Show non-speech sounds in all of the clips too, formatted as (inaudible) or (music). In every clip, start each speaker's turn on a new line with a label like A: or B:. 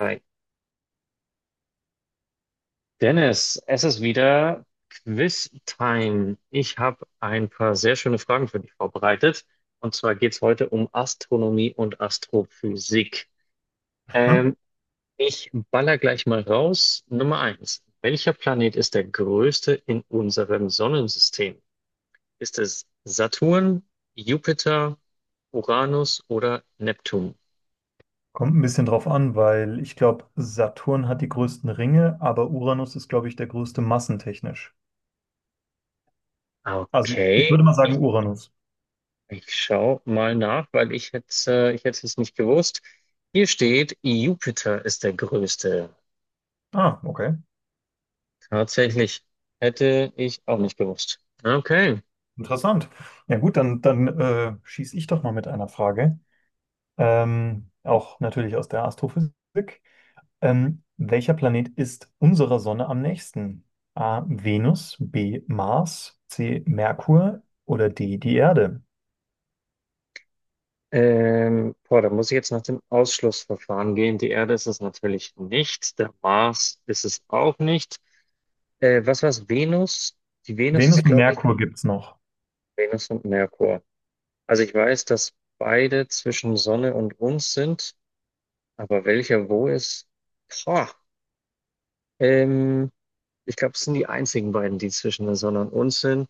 A: Hi. Dennis, es ist wieder Quiz-Time. Ich habe ein paar sehr schöne Fragen für dich vorbereitet. Und zwar geht es heute um Astronomie und Astrophysik.
B: Hm?
A: Ähm, Ich baller gleich mal raus. Nummer eins. Welcher Planet ist der größte in unserem Sonnensystem? Ist es Saturn, Jupiter, Uranus oder Neptun?
B: Kommt ein bisschen drauf an, weil ich glaube, Saturn hat die größten Ringe, aber Uranus ist, glaube ich, der größte massentechnisch. Also ich
A: Okay.
B: würde mal sagen Uranus.
A: Ich schaue mal nach, weil ich hätte es nicht gewusst. Hier steht, Jupiter ist der größte.
B: Ah, okay.
A: Tatsächlich hätte ich auch nicht gewusst. Okay.
B: Interessant. Ja gut, dann schieße ich doch mal mit einer Frage. Auch natürlich aus der Astrophysik. Welcher Planet ist unserer Sonne am nächsten? A. Venus, B. Mars, C. Merkur oder D. die Erde?
A: Boah, da muss ich jetzt nach dem Ausschlussverfahren gehen. Die Erde ist es natürlich nicht. Der Mars ist es auch nicht. Was war's? Venus? Die Venus ist,
B: Venus und
A: glaube ich,
B: Merkur gibt es noch.
A: Venus und Merkur. Also ich weiß, dass beide zwischen Sonne und uns sind, aber welcher wo ist? Boah. Ähm, Ich glaube, es sind die einzigen beiden, die zwischen der Sonne und uns sind.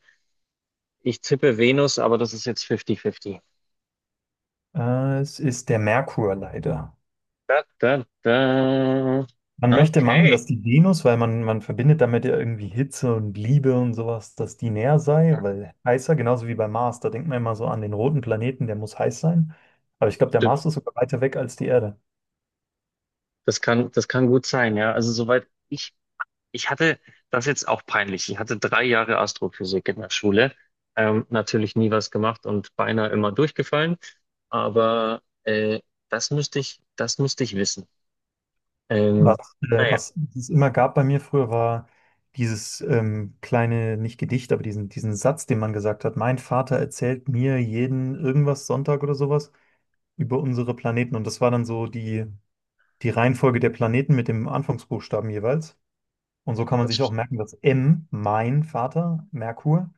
A: Ich tippe Venus, aber das ist jetzt 50-50.
B: Es ist der Merkur leider.
A: Da, da, da.
B: Man möchte meinen,
A: Okay,
B: dass die Venus, weil man verbindet damit ja irgendwie Hitze und Liebe und sowas, dass die näher sei, weil heißer, genauso wie bei Mars, da denkt man immer so an den roten Planeten, der muss heiß sein. Aber ich glaube, der
A: stimmt.
B: Mars ist sogar weiter weg als die Erde.
A: Das kann gut sein, ja. Also soweit ich, ich hatte das ist jetzt auch peinlich. Ich hatte drei Jahre Astrophysik in der Schule. Natürlich nie was gemacht und beinahe immer durchgefallen. Aber das müsste ich wissen.
B: Was,
A: Ähm,
B: äh,
A: naja,
B: was es immer gab bei mir früher, war dieses kleine, nicht Gedicht, aber diesen Satz, den man gesagt hat, mein Vater erzählt mir jeden irgendwas Sonntag oder sowas über unsere Planeten. Und das war dann so die Reihenfolge der Planeten mit dem Anfangsbuchstaben jeweils. Und so kann man sich auch
A: das.
B: merken, dass M, mein Vater, Merkur,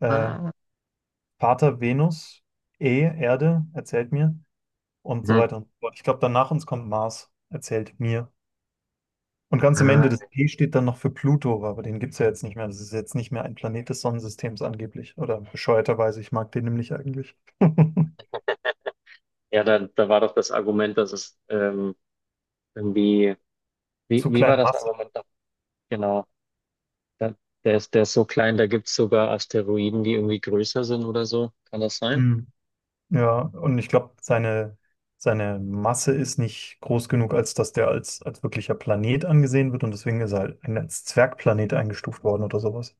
B: äh,
A: Ah,
B: Vater, Venus, E, Erde, erzählt mir und so
A: hm,
B: weiter und so fort. Ich glaube, danach uns kommt Mars, erzählt mir. Und ganz am Ende, das
A: ah.
B: P steht dann noch für Pluto, aber den gibt es ja jetzt nicht mehr. Das ist jetzt nicht mehr ein Planet des Sonnensystems angeblich. Oder bescheuerterweise, ich mag den nämlich eigentlich. (laughs)
A: Ja, da, da war doch das Argument, dass es irgendwie,
B: Zu
A: wie war
B: kleine
A: das
B: Masse.
A: Argument noch? Genau, da, der ist so klein, da gibt's sogar Asteroiden, die irgendwie größer sind oder so. Kann das sein?
B: Mm. Ja, und ich glaube, seine Masse ist nicht groß genug, als dass der als wirklicher Planet angesehen wird und deswegen ist er halt als Zwergplanet eingestuft worden oder sowas.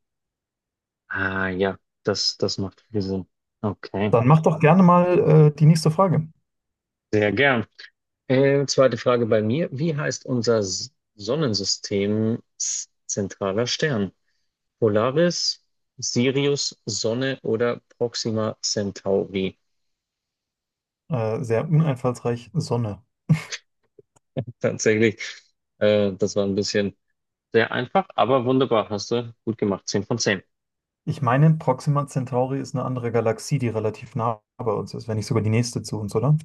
A: Ah ja, das macht viel Sinn. Okay,
B: Dann mach doch gerne mal die nächste Frage.
A: sehr gern. Zweite Frage bei mir. Wie heißt unser S- Sonnensystem zentraler Stern? Polaris, Sirius, Sonne oder Proxima Centauri?
B: Sehr uneinfallsreich, Sonne.
A: (laughs) Tatsächlich, das war ein bisschen. Sehr einfach, aber wunderbar. Hast du gut gemacht. Zehn von zehn.
B: Ich meine, Proxima Centauri ist eine andere Galaxie, die relativ nah bei uns ist, wenn nicht sogar die nächste zu uns, oder?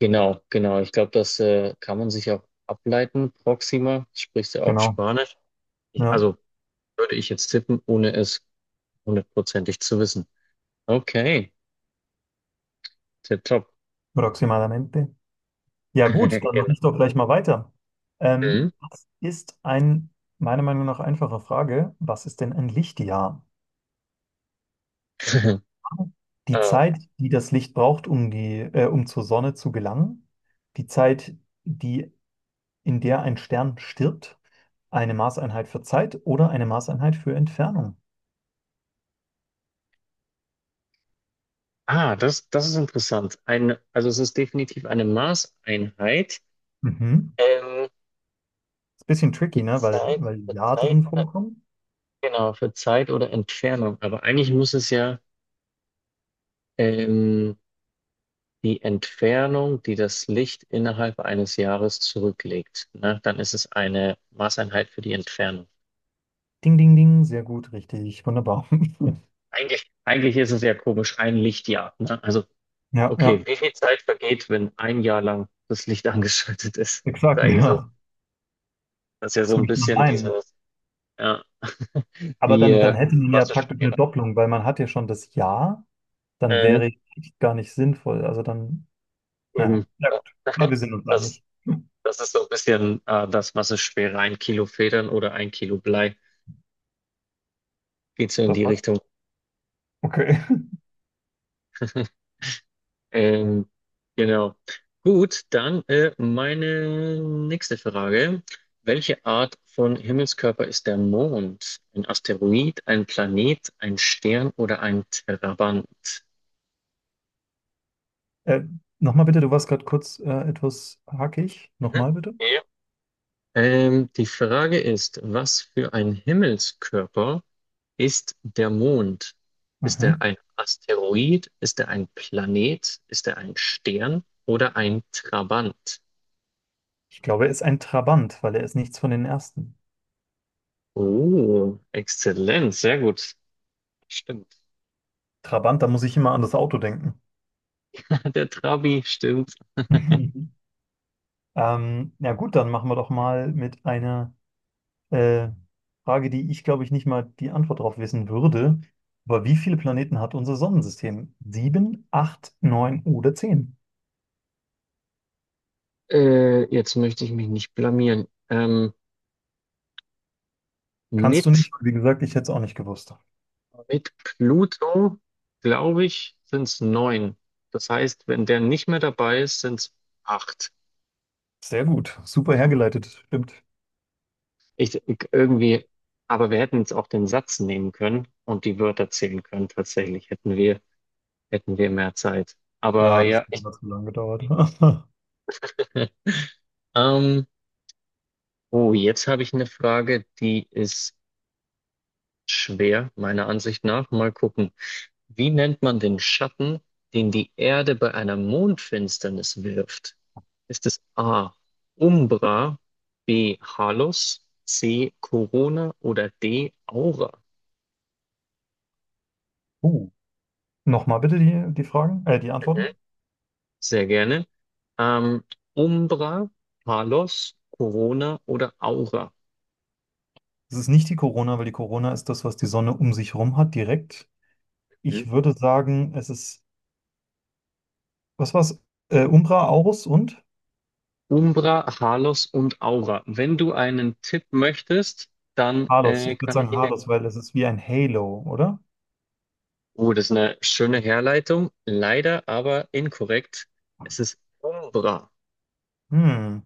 A: Genau, genau. Ich glaube, das kann man sich auch ableiten. Proxima, sprichst du auch
B: Genau.
A: Spanisch? Ich,
B: Ja,
A: also würde ich jetzt tippen, ohne es hundertprozentig zu wissen. Okay, tipptopp.
B: Proximamente. Ja gut,
A: (laughs)
B: dann mache
A: Genau.
B: ich doch gleich mal weiter.
A: Mhm.
B: Was ist ein, meiner Meinung nach, einfache Frage, was ist denn ein Lichtjahr?
A: (laughs)
B: Die
A: Äh,
B: Zeit, die das Licht braucht, um zur Sonne zu gelangen, die Zeit, die, in der ein Stern stirbt, eine Maßeinheit für Zeit oder eine Maßeinheit für Entfernung.
A: ah, das ist interessant. Also es ist definitiv eine Maßeinheit
B: Mhm.
A: ähm,
B: Ist ein bisschen
A: für
B: tricky, ne? Weil,
A: Zeit,
B: weil
A: für
B: Jahr
A: Zeit
B: drin
A: oder,
B: vorkommt.
A: genau, für Zeit oder Entfernung. Aber eigentlich muss es ja ähm, die Entfernung, die das Licht innerhalb eines Jahres zurücklegt, ne? Dann ist es eine Maßeinheit für die Entfernung.
B: Ding, ding, ding, sehr gut, richtig, wunderbar. (laughs)
A: Eigentlich ist es ja komisch, ein Lichtjahr, ne? Also,
B: Ja,
A: okay,
B: ja,
A: wie viel Zeit vergeht, wenn ein Jahr lang das Licht (laughs) angeschaltet ist?
B: exakt,
A: Das ist eigentlich so,
B: ja.
A: das ist ja so
B: Das
A: ein
B: möchte man
A: bisschen
B: meinen.
A: dieses, ja, (laughs)
B: Aber
A: wie,
B: dann,
A: äh,
B: dann hätte man ja praktisch eine
A: Massesphäre.
B: Doppelung, weil man hat ja schon das Ja, dann
A: Mhm.
B: wäre ich gar nicht sinnvoll. Also dann,
A: Eben,
B: naja, ja gut, aber wir sind uns
A: das ist,
B: einig.
A: das ist so ein bisschen, das Massesphäre, ein Kilo Federn oder ein Kilo Blei. Geht so in
B: Das
A: die
B: war's.
A: Richtung.
B: Okay. (laughs)
A: (laughs) Ähm, genau. Gut, dann meine nächste Frage. Welche Art von Himmelskörper ist der Mond? Ein Asteroid, ein Planet, ein Stern oder ein Trabant?
B: Äh, Nochmal bitte, du warst gerade kurz etwas hackig.
A: Mhm.
B: Nochmal bitte.
A: Ja. Die Frage ist, was für ein Himmelskörper ist der Mond? Ist er
B: Mhm.
A: ein Asteroid? Ist er ein Planet? Ist er ein Stern oder ein Trabant?
B: Ich glaube, er ist ein Trabant, weil er ist nichts von den ersten.
A: Oh, exzellent, sehr gut. Stimmt.
B: Trabant, da muss ich immer an das Auto denken. (laughs)
A: (laughs) Der Trabi, stimmt.
B: Mhm. Ja gut, dann machen wir doch mal mit einer Äh, Frage, die ich, glaube ich, nicht mal die Antwort darauf wissen würde. Aber wie viele Planeten hat unser Sonnensystem? Sieben, acht, neun oder zehn?
A: Jetzt möchte ich mich nicht blamieren.
B: Kannst du
A: Mit,
B: nicht, weil, wie gesagt, ich hätte es auch nicht gewusst.
A: mit Pluto, glaube ich, sind es neun. Das heißt, wenn der nicht mehr dabei ist, sind es acht.
B: Sehr gut, super hergeleitet, stimmt.
A: Ich, ich irgendwie, aber wir hätten jetzt auch den Satz nehmen können und die Wörter zählen können. Hätten wir mehr Zeit. Aber
B: Ja, das
A: ja,
B: hat aber zu lange gedauert. (laughs)
A: (laughs) ähm, oh, jetzt habe ich eine Frage, die ist schwer, meiner Ansicht nach. Mal gucken. Wie nennt man den Schatten, den die Erde bei einer Mondfinsternis wirft? Ist es A. Umbra, B. Halus, C. Corona oder D. Aura?
B: Uh, nochmal bitte die Fragen, die
A: Mhm.
B: Antworten.
A: Sehr gerne. Ähm, Umbra, Halos, Corona oder Aura?
B: Es ist nicht die Corona, weil die Corona ist das, was die Sonne um sich herum hat, direkt.
A: Mhm.
B: Ich würde sagen, es ist, Was war's? Umbra, Aurus und?
A: Umbra, Halos und Aura. Wenn du einen Tipp möchtest, dann
B: Halos. Ich würde
A: kann ich
B: sagen
A: ihn dir
B: Halos, weil es ist wie ein Halo, oder?
A: Oh, das ist eine schöne Herleitung. Leider aber inkorrekt. Es ist Umbra.
B: Hm.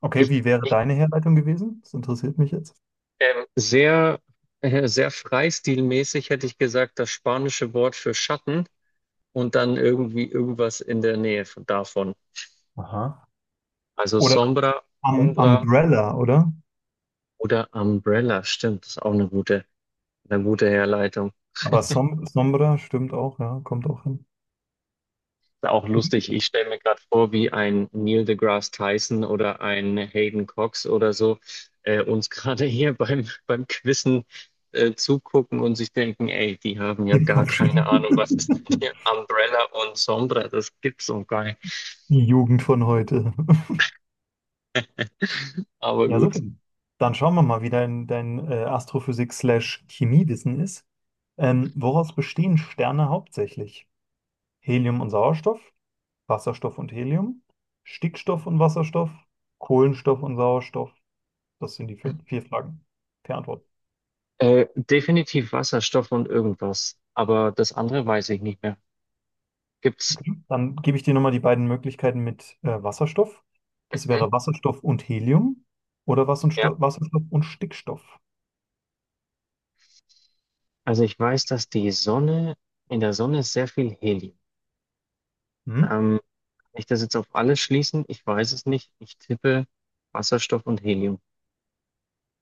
B: Okay,
A: Ich,
B: wie wäre
A: ich
B: deine Herleitung gewesen? Das interessiert mich jetzt.
A: ähm, sehr, sehr freistilmäßig hätte ich gesagt, das spanische Wort für Schatten und dann irgendwie irgendwas in der Nähe von, davon.
B: Aha.
A: Also
B: Oder
A: Sombra, Umbra
B: Umbrella, oder?
A: oder Umbrella. Stimmt, das ist auch eine gute Herleitung.
B: Aber Sombra stimmt auch, ja, kommt auch hin.
A: Ist auch lustig. Ich stelle mir gerade vor, wie ein Neil deGrasse Tyson oder ein Hayden Cox oder so uns (laughs) gerade hier beim Quizzen zugucken und sich denken, ey, die haben
B: (laughs)
A: ja
B: Den
A: gar
B: Kopf
A: keine
B: schütteln. (laughs)
A: Ahnung, was ist denn hier Umbrella und Sombra, das gibt's so geil.
B: Die Jugend von heute. (laughs)
A: Aber
B: Ja, super.
A: gut.
B: Dann schauen wir mal, wie dein Astrophysik-slash-Chemiewissen ist. Woraus bestehen Sterne hauptsächlich? Helium und Sauerstoff, Wasserstoff und Helium, Stickstoff und Wasserstoff, Kohlenstoff und Sauerstoff. Das sind vier Fragen. Per Antwort.
A: Definitiv Wasserstoff und irgendwas. Aber das andere weiß ich nicht mehr. Gibt's?
B: Dann gebe ich dir nochmal die beiden Möglichkeiten mit Wasserstoff. Das
A: Mhm,
B: wäre Wasserstoff und Helium oder
A: ja.
B: Wasserstoff und Stickstoff.
A: Also ich weiß, in der Sonne ist sehr viel Helium.
B: Hm?
A: Ähm, Kann ich das jetzt auf alles schließen? Ich weiß es nicht. Ich tippe Wasserstoff und Helium.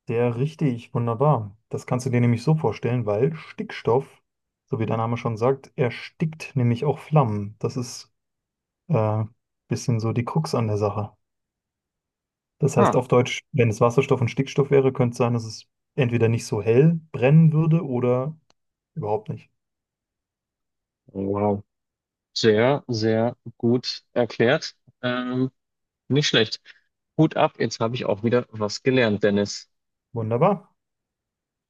B: Sehr richtig, wunderbar. Das kannst du dir nämlich so vorstellen, weil Stickstoff, so wie der Name schon sagt, erstickt nämlich auch Flammen. Das ist ein bisschen so die Krux an der Sache. Das heißt
A: Ah,
B: auf Deutsch, wenn es Wasserstoff und Stickstoff wäre, könnte es sein, dass es entweder nicht so hell brennen würde oder überhaupt nicht.
A: wow. Sehr, sehr gut erklärt. Ähm, nicht schlecht. Hut ab, jetzt habe ich auch wieder was gelernt, Dennis.
B: Wunderbar.